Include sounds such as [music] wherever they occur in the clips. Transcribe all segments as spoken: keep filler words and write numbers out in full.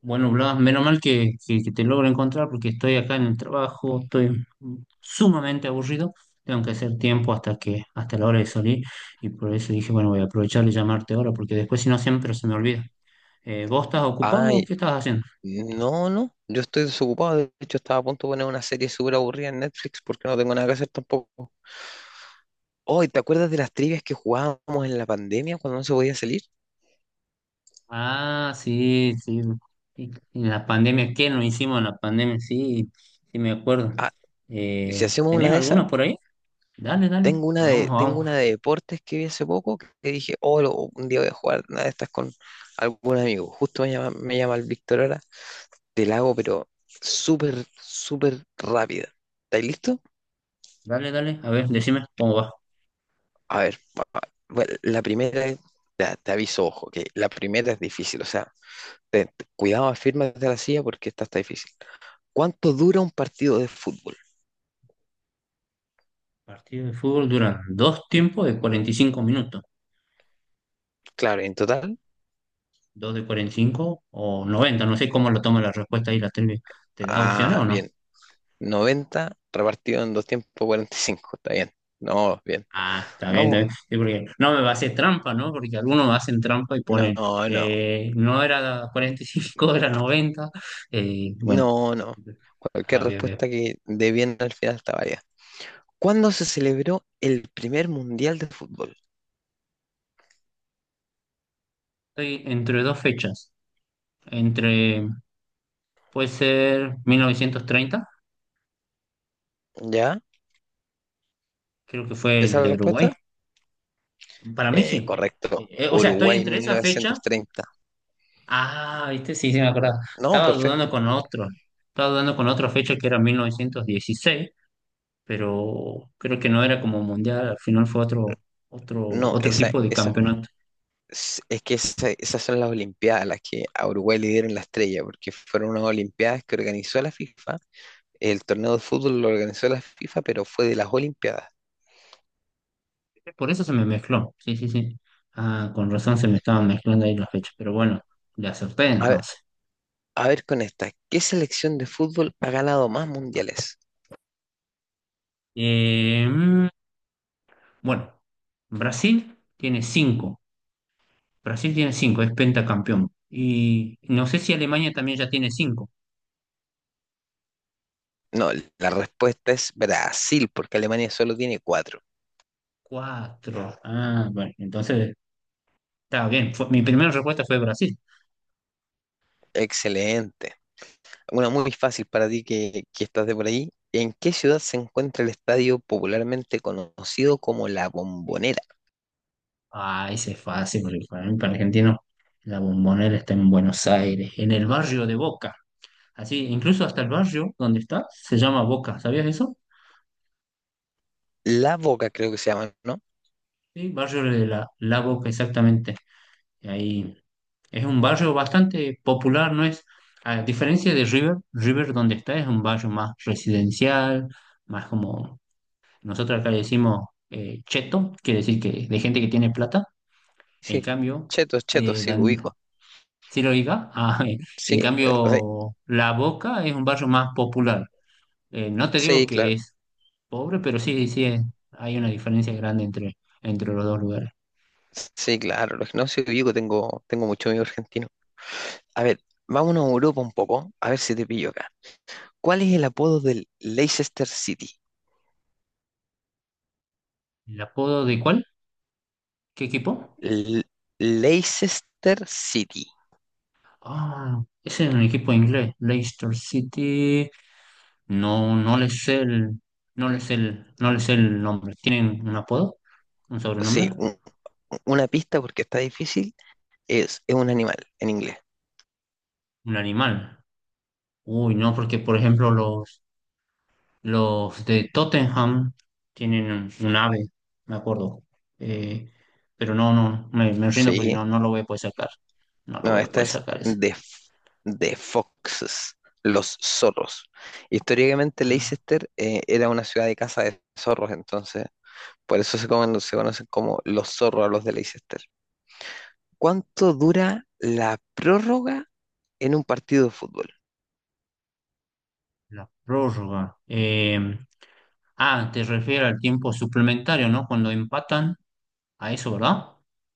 Bueno, Blas, menos mal que, que- que te logro encontrar porque estoy acá en el trabajo, estoy sumamente aburrido, tengo que hacer tiempo hasta que, hasta la hora de salir y por eso dije, bueno, voy a aprovechar y llamarte ahora porque después si no siempre se me olvida. Eh, ¿vos estás ocupado o qué Ay, estás haciendo? no, no, yo estoy desocupado. De hecho, estaba a punto de poner una serie súper aburrida en Netflix porque no tengo nada que hacer tampoco. Hoy, ¿te acuerdas de las trivias que jugábamos en la pandemia cuando no se podía salir? Ah, sí, sí. Y- En la pandemia, ¿qué nos hicimos en la pandemia? Sí, sí me acuerdo. Ah, si Eh, hacemos una ¿Tenés de alguna esas, por ahí? Dale, dale, tengo una hagamos, de, tengo hagamos. una de deportes que vi hace poco que que dije, oh, lo- un día voy a jugar una de estas con algún amigo. Justo me llama, me llama el Víctor ahora. Te la hago, pero súper, súper rápida. ¿Estáis listo? Dale, dale, a ver, decime cómo va. A ver, bueno, la primera es, ya, te aviso, ojo, que la primera es difícil, o sea. Te- te- cuidado, afírmate de la silla porque esta está difícil. ¿Cuánto dura un partido de fútbol? Partidos de fútbol duran dos tiempos de cuarenta y cinco minutos, Claro, en total, dos de cuarenta y cinco o noventa, no sé cómo lo toma la respuesta ahí la trivia. ¿Te da opciones ah, o no? bien, noventa repartido en dos tiempos cuarenta y cinco, está bien. No, bien. Ah, está bien, está Vamos, bien. Sí, porque no me va a hacer trampa, ¿no? Porque algunos hacen trampa y no, ponen, no, eh, no era cuarenta y cinco, era noventa. eh, bueno, no, no. Cualquier ah, bien, bien. respuesta que dé bien al final está válida. ¿Cuándo se celebró el primer mundial de fútbol? Estoy entre dos fechas, entre, puede ser mil novecientos treinta, ¿Ya? creo que fue ¿Esa el es la de respuesta? Uruguay. Para mí Eh, sí. Eh, correcto. eh, o sea, estoy Uruguay entre mil esa fecha. novecientos treinta. Ah, viste, sí, sí, me acuerdo. No, Estaba dudando perfecto. con otro. Estaba dudando con otra fecha que era mil novecientos dieciséis, pero creo que no era como mundial. Al final fue otro, otro, No, otro esa, tipo de esa campeonato. Es es que esa- esas son las Olimpiadas, las que a Uruguay le dieron la estrella, porque fueron unas Olimpiadas que organizó la FIFA. El torneo de fútbol lo organizó la FIFA, pero fue de las Olimpiadas. Por eso se me mezcló. Sí, sí, sí. Ah, con razón se me estaban mezclando ahí las fechas. Pero bueno, le acerté A ver, entonces. a ver con esta, ¿qué selección de fútbol ha ganado más mundiales? Eh, mm, bueno, Brasil tiene cinco. Brasil tiene cinco, es pentacampeón. Y no sé si Alemania también ya tiene cinco. No, la respuesta es Brasil, porque Alemania solo tiene cuatro. Cuatro. Ah, bueno, entonces estaba bien. Fue- mi primera respuesta fue Brasil. Excelente. Una muy fácil para ti que, que estás de por ahí. ¿En qué ciudad se encuentra el estadio popularmente conocido como La Bombonera? Ah, ese es fácil, porque para mí, para argentino, la Bombonera está en Buenos Aires, en el barrio de Boca. Así, incluso hasta el barrio donde está se llama Boca. ¿Sabías eso? La Boca creo que se llama, ¿no? Sí, barrio de la, la Boca, exactamente. Y ahí es un barrio bastante popular, ¿no es? A diferencia de River, River donde está es un barrio más residencial, más como nosotros acá le decimos eh, cheto, quiere decir que de gente que tiene plata. En Sí, cambio, chetos, chetos, sí, ubico. ¿sí lo diga? Ah, [laughs] Sí, en eh, o sea, cambio, La Boca es un barrio más popular. Eh, no te digo sí, que claro. es pobre, pero sí, sí, es- hay una diferencia grande entre, entre los dos lugares. Sí, claro, los que no sí ubico, tengo, tengo mucho amigo argentino. A ver, vámonos a Europa un poco, a ver si te pillo acá. ¿Cuál es el apodo del Leicester City? ¿El apodo de cuál? ¿Qué equipo? L- Leicester City. Ah, ese es un equipo inglés, Leicester City. No, no le sé el, no le sé el, no le sé el nombre. ¿Tienen un apodo? ¿Un Sí, sobrenombre? un- una pista porque está difícil, es, es un animal en inglés. ¿Un animal? Uy, no, porque por ejemplo los Los de Tottenham tienen un, un ave, me acuerdo. Eh, pero no, no, me, me rindo porque no, Sí. no lo voy a poder sacar. No lo No, voy a esta poder es sacar ese. de, f- de Foxes, los zorros. Históricamente Ah, Leicester eh, era una ciudad de caza de zorros, entonces por eso se, comen- se conocen como los zorros a los de Leicester. ¿Cuánto dura la prórroga en un partido de fútbol? la prórroga. Eh, ah, te refieres al tiempo suplementario, ¿no? Cuando empatan, a eso, ¿verdad?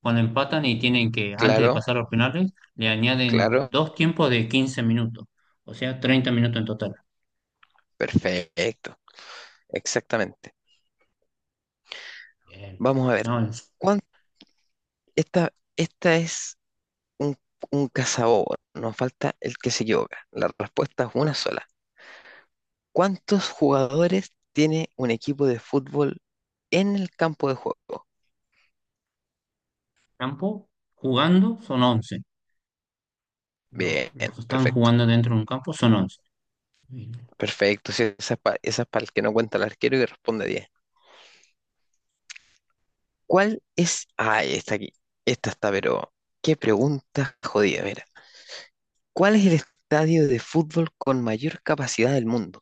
Cuando empatan y tienen que, antes de Claro, pasar a los penales, le añaden claro, dos tiempos de quince minutos, o sea, treinta minutos en total. perfecto, exactamente. Bien. Vamos a ver, No, en ¿cuán- esta, esta es un, un cazador, nos falta el que se equivoca. La respuesta es una sola. ¿Cuántos jugadores tiene un equipo de fútbol en el campo de juego? campo, jugando, son once. Bien, Los, los que están perfecto. jugando dentro de un campo son once. Y Perfecto, sí, esa es para el que no cuenta el arquero y responde diez. ¿Cuál es? Ah, está aquí. Esta está, pero qué pregunta jodida, mira. ¿Cuál es el estadio de fútbol con mayor capacidad del mundo?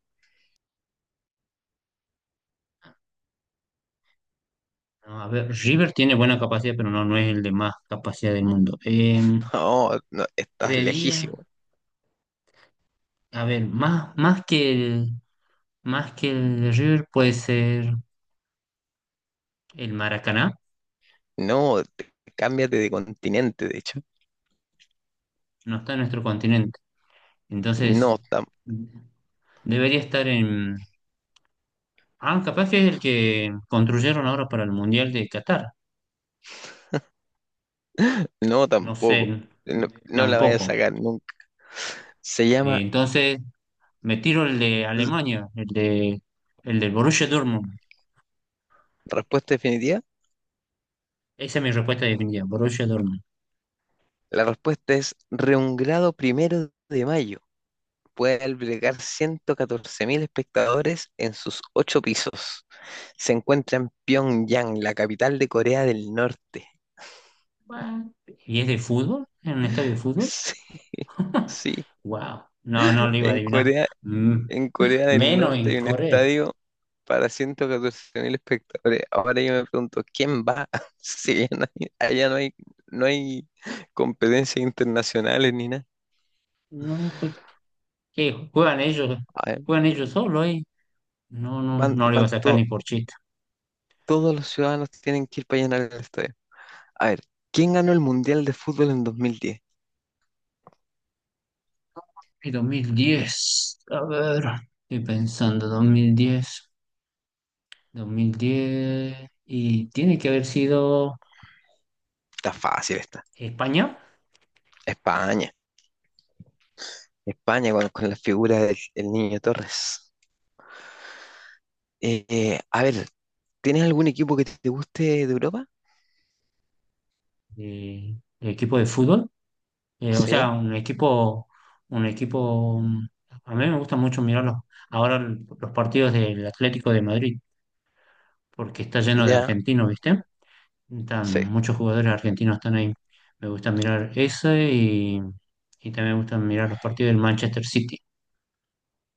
a ver, River tiene buena capacidad, pero no, no es el de más capacidad del mundo. Eh, No, no, estás lejísimo. creería, a ver, más, más que el, más que el de River puede ser el Maracaná, No, te- cámbiate de continente, de hecho. no está en nuestro continente. No, Entonces, tam- debería estar en... ah, capaz que es el que construyeron ahora para el Mundial de Qatar. no No sé, tampoco. No, no la vayas tampoco. a sacar nunca. Se Eh, llama entonces, me tiro el de Alemania, el de, el del Borussia Dortmund. Respuesta definitiva. Esa es mi respuesta definitiva, Borussia Dortmund. La respuesta es Reungrado primero de mayo. Puede albergar ciento catorce mil espectadores en sus ocho pisos. Se encuentra en Pyongyang, la capital de Corea del Norte. [laughs] What? ¿Y es de fútbol? ¿En un estadio de fútbol? Sí, sí. ¡Wow! No, no lo iba a En adivinar. Corea, Mm, en Corea del menos Norte hay en un Corea. estadio para ciento catorce mil espectadores. Ahora yo me pregunto, ¿quién va? [laughs] Si allá no hay, allá no hay, no hay competencias internacionales ni nada. No, pues, ¿qué? ¿Juegan ellos? A ver, ¿Juegan ellos solo ahí? No, no, van, no le iba a van sacar todos. ni por chiste. Todos los ciudadanos tienen que ir para llenar el estadio. A ver, ¿quién ganó el Mundial de Fútbol en dos mil diez? Y dos mil diez. A ver, estoy pensando, dos mil diez. dos mil diez. Y tiene que haber sido Está fácil esta. España. España. España con, con la figura del el Niño Torres. Eh, eh, a ver, ¿tienes algún equipo que te guste de Europa? eh, el equipo de fútbol. Eh, o sea, Sí, un equipo, un equipo, mm, a mí me gusta mucho mirar los, ahora los partidos del Atlético de Madrid, porque está lleno de ya, argentinos, ¿viste? Están, sí. muchos jugadores argentinos están ahí. Me gusta mirar ese y, y también me gustan mirar los partidos del Manchester City.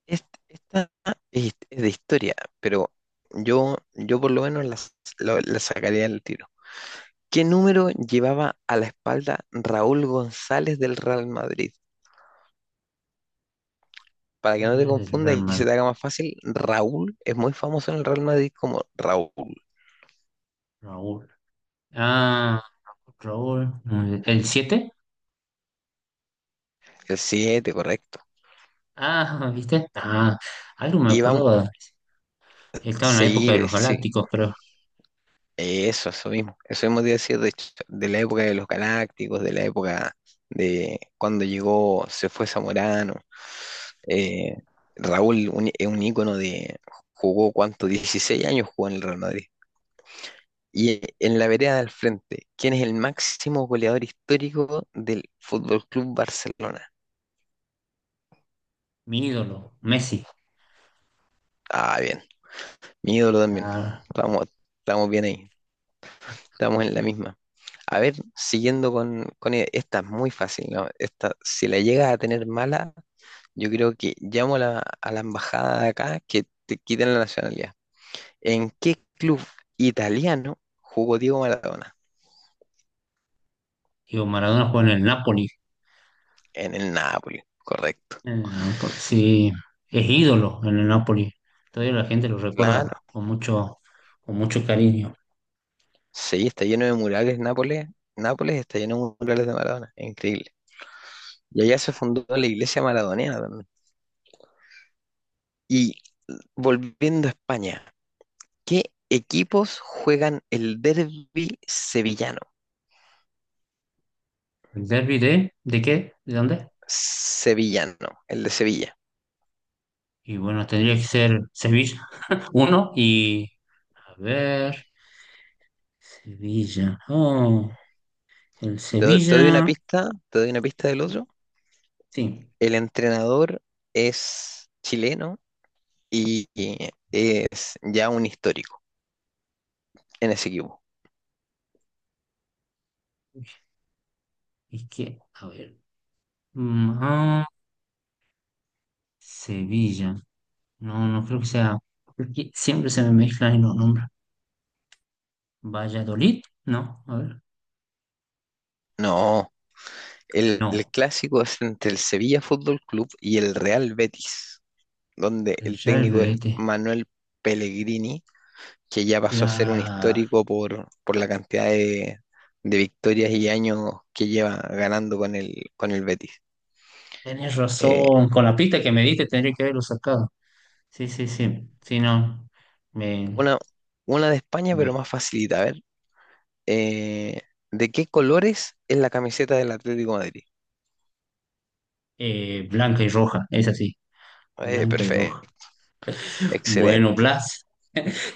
Es- esta es, es de historia, pero yo, yo por lo menos las- lo- la sacaría del tiro. ¿Qué número llevaba a la espalda Raúl González del Real Madrid? Para que no te Sales del confundas Real y se Madrid, te haga más fácil, Raúl es muy famoso en el Real Madrid como Raúl, Raúl. Ah, Raúl, el siete. el siete correcto. Ah, ¿viste? Ah, algo me Iban, acordaba. Estaba en la sí, época de ve- los sí, Galácticos, pero eso, eso mismo. Eso mismo te iba a decir, de hecho, de la época de los Galácticos, de la época de cuando llegó, se fue Zamorano. Eh, Raúl un- es un ícono de, jugó cuánto, dieciséis años jugó en el Real Madrid. Y eh, en la vereda del frente, ¿quién es el máximo goleador histórico del Fútbol Club Barcelona? mi ídolo, Messi. Ah, bien, mi ídolo también. Ah. Estamos, estamos bien ahí. Estamos en la misma. A ver, siguiendo con, con e- esta es muy fácil, ¿no? Esta, si la llegas a tener mala, yo creo que llamo a la, a la embajada de acá que te quiten la nacionalidad. ¿En qué club italiano jugó Diego Maradona? Digo, Maradona juega en el Napoli. En el Nápoles, correcto. En el Napoli, sí, es ídolo en el Napoli. Todavía la gente lo Claro. recuerda con mucho, con mucho cariño. Sí, está lleno de murales Nápoles. Nápoles está lleno de murales de Maradona. Increíble. Y allá se fundó la iglesia maradoniana también. Y volviendo a España. ¿Qué equipos juegan el derbi sevillano? ¿El derbi de, de qué? ¿De dónde? Sevillano, el de Sevilla. Y bueno, tendría que ser Sevilla, [laughs] uno, y a ver, Sevilla. Oh, el Te, do- te doy una Sevilla, pista, te doy una pista del otro. sí. El entrenador es chileno y y es ya un histórico en ese equipo. Es que, a ver, mm, ah, Sevilla. No, no creo que sea, porque siempre se me mezclan los nombres. Valladolid, no, a ver. No, el, el No, clásico es entre el Sevilla Fútbol Club y el Real Betis, donde el el yerbe, técnico es ¿viste? Manuel Pellegrini que ya pasó a ser un La... histórico por, por la cantidad de, de victorias y años que lleva ganando con el, con el Betis. Tenés Eh, razón, con la pista que me diste tendría que haberlo sacado. Sí, sí, sí. Sí, no. Me, una, una de España, me... pero más facilita. A ver, eh, ¿de qué colores es la camiseta del Atlético de Madrid? eh, blanca y roja, es así. Eh, Blanca y roja. perfecto, Bueno, excelente, Blas,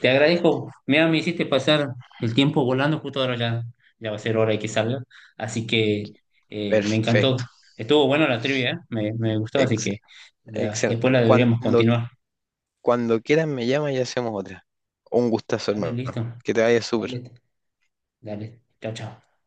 te agradezco. Mira, me hiciste pasar el tiempo volando, justo ahora ya, ya va a ser hora de que salga. Así que eh, me perfecto, encantó. Estuvo bueno la trivia, ¿eh? me, me gustó, así ex- que la- después excelente. la deberíamos Cuando, continuar. Cuando quieran me llaman y hacemos otra. Un gustazo, Dale, hermano. listo. Que te vaya súper. Dale, dale. Chao, chao.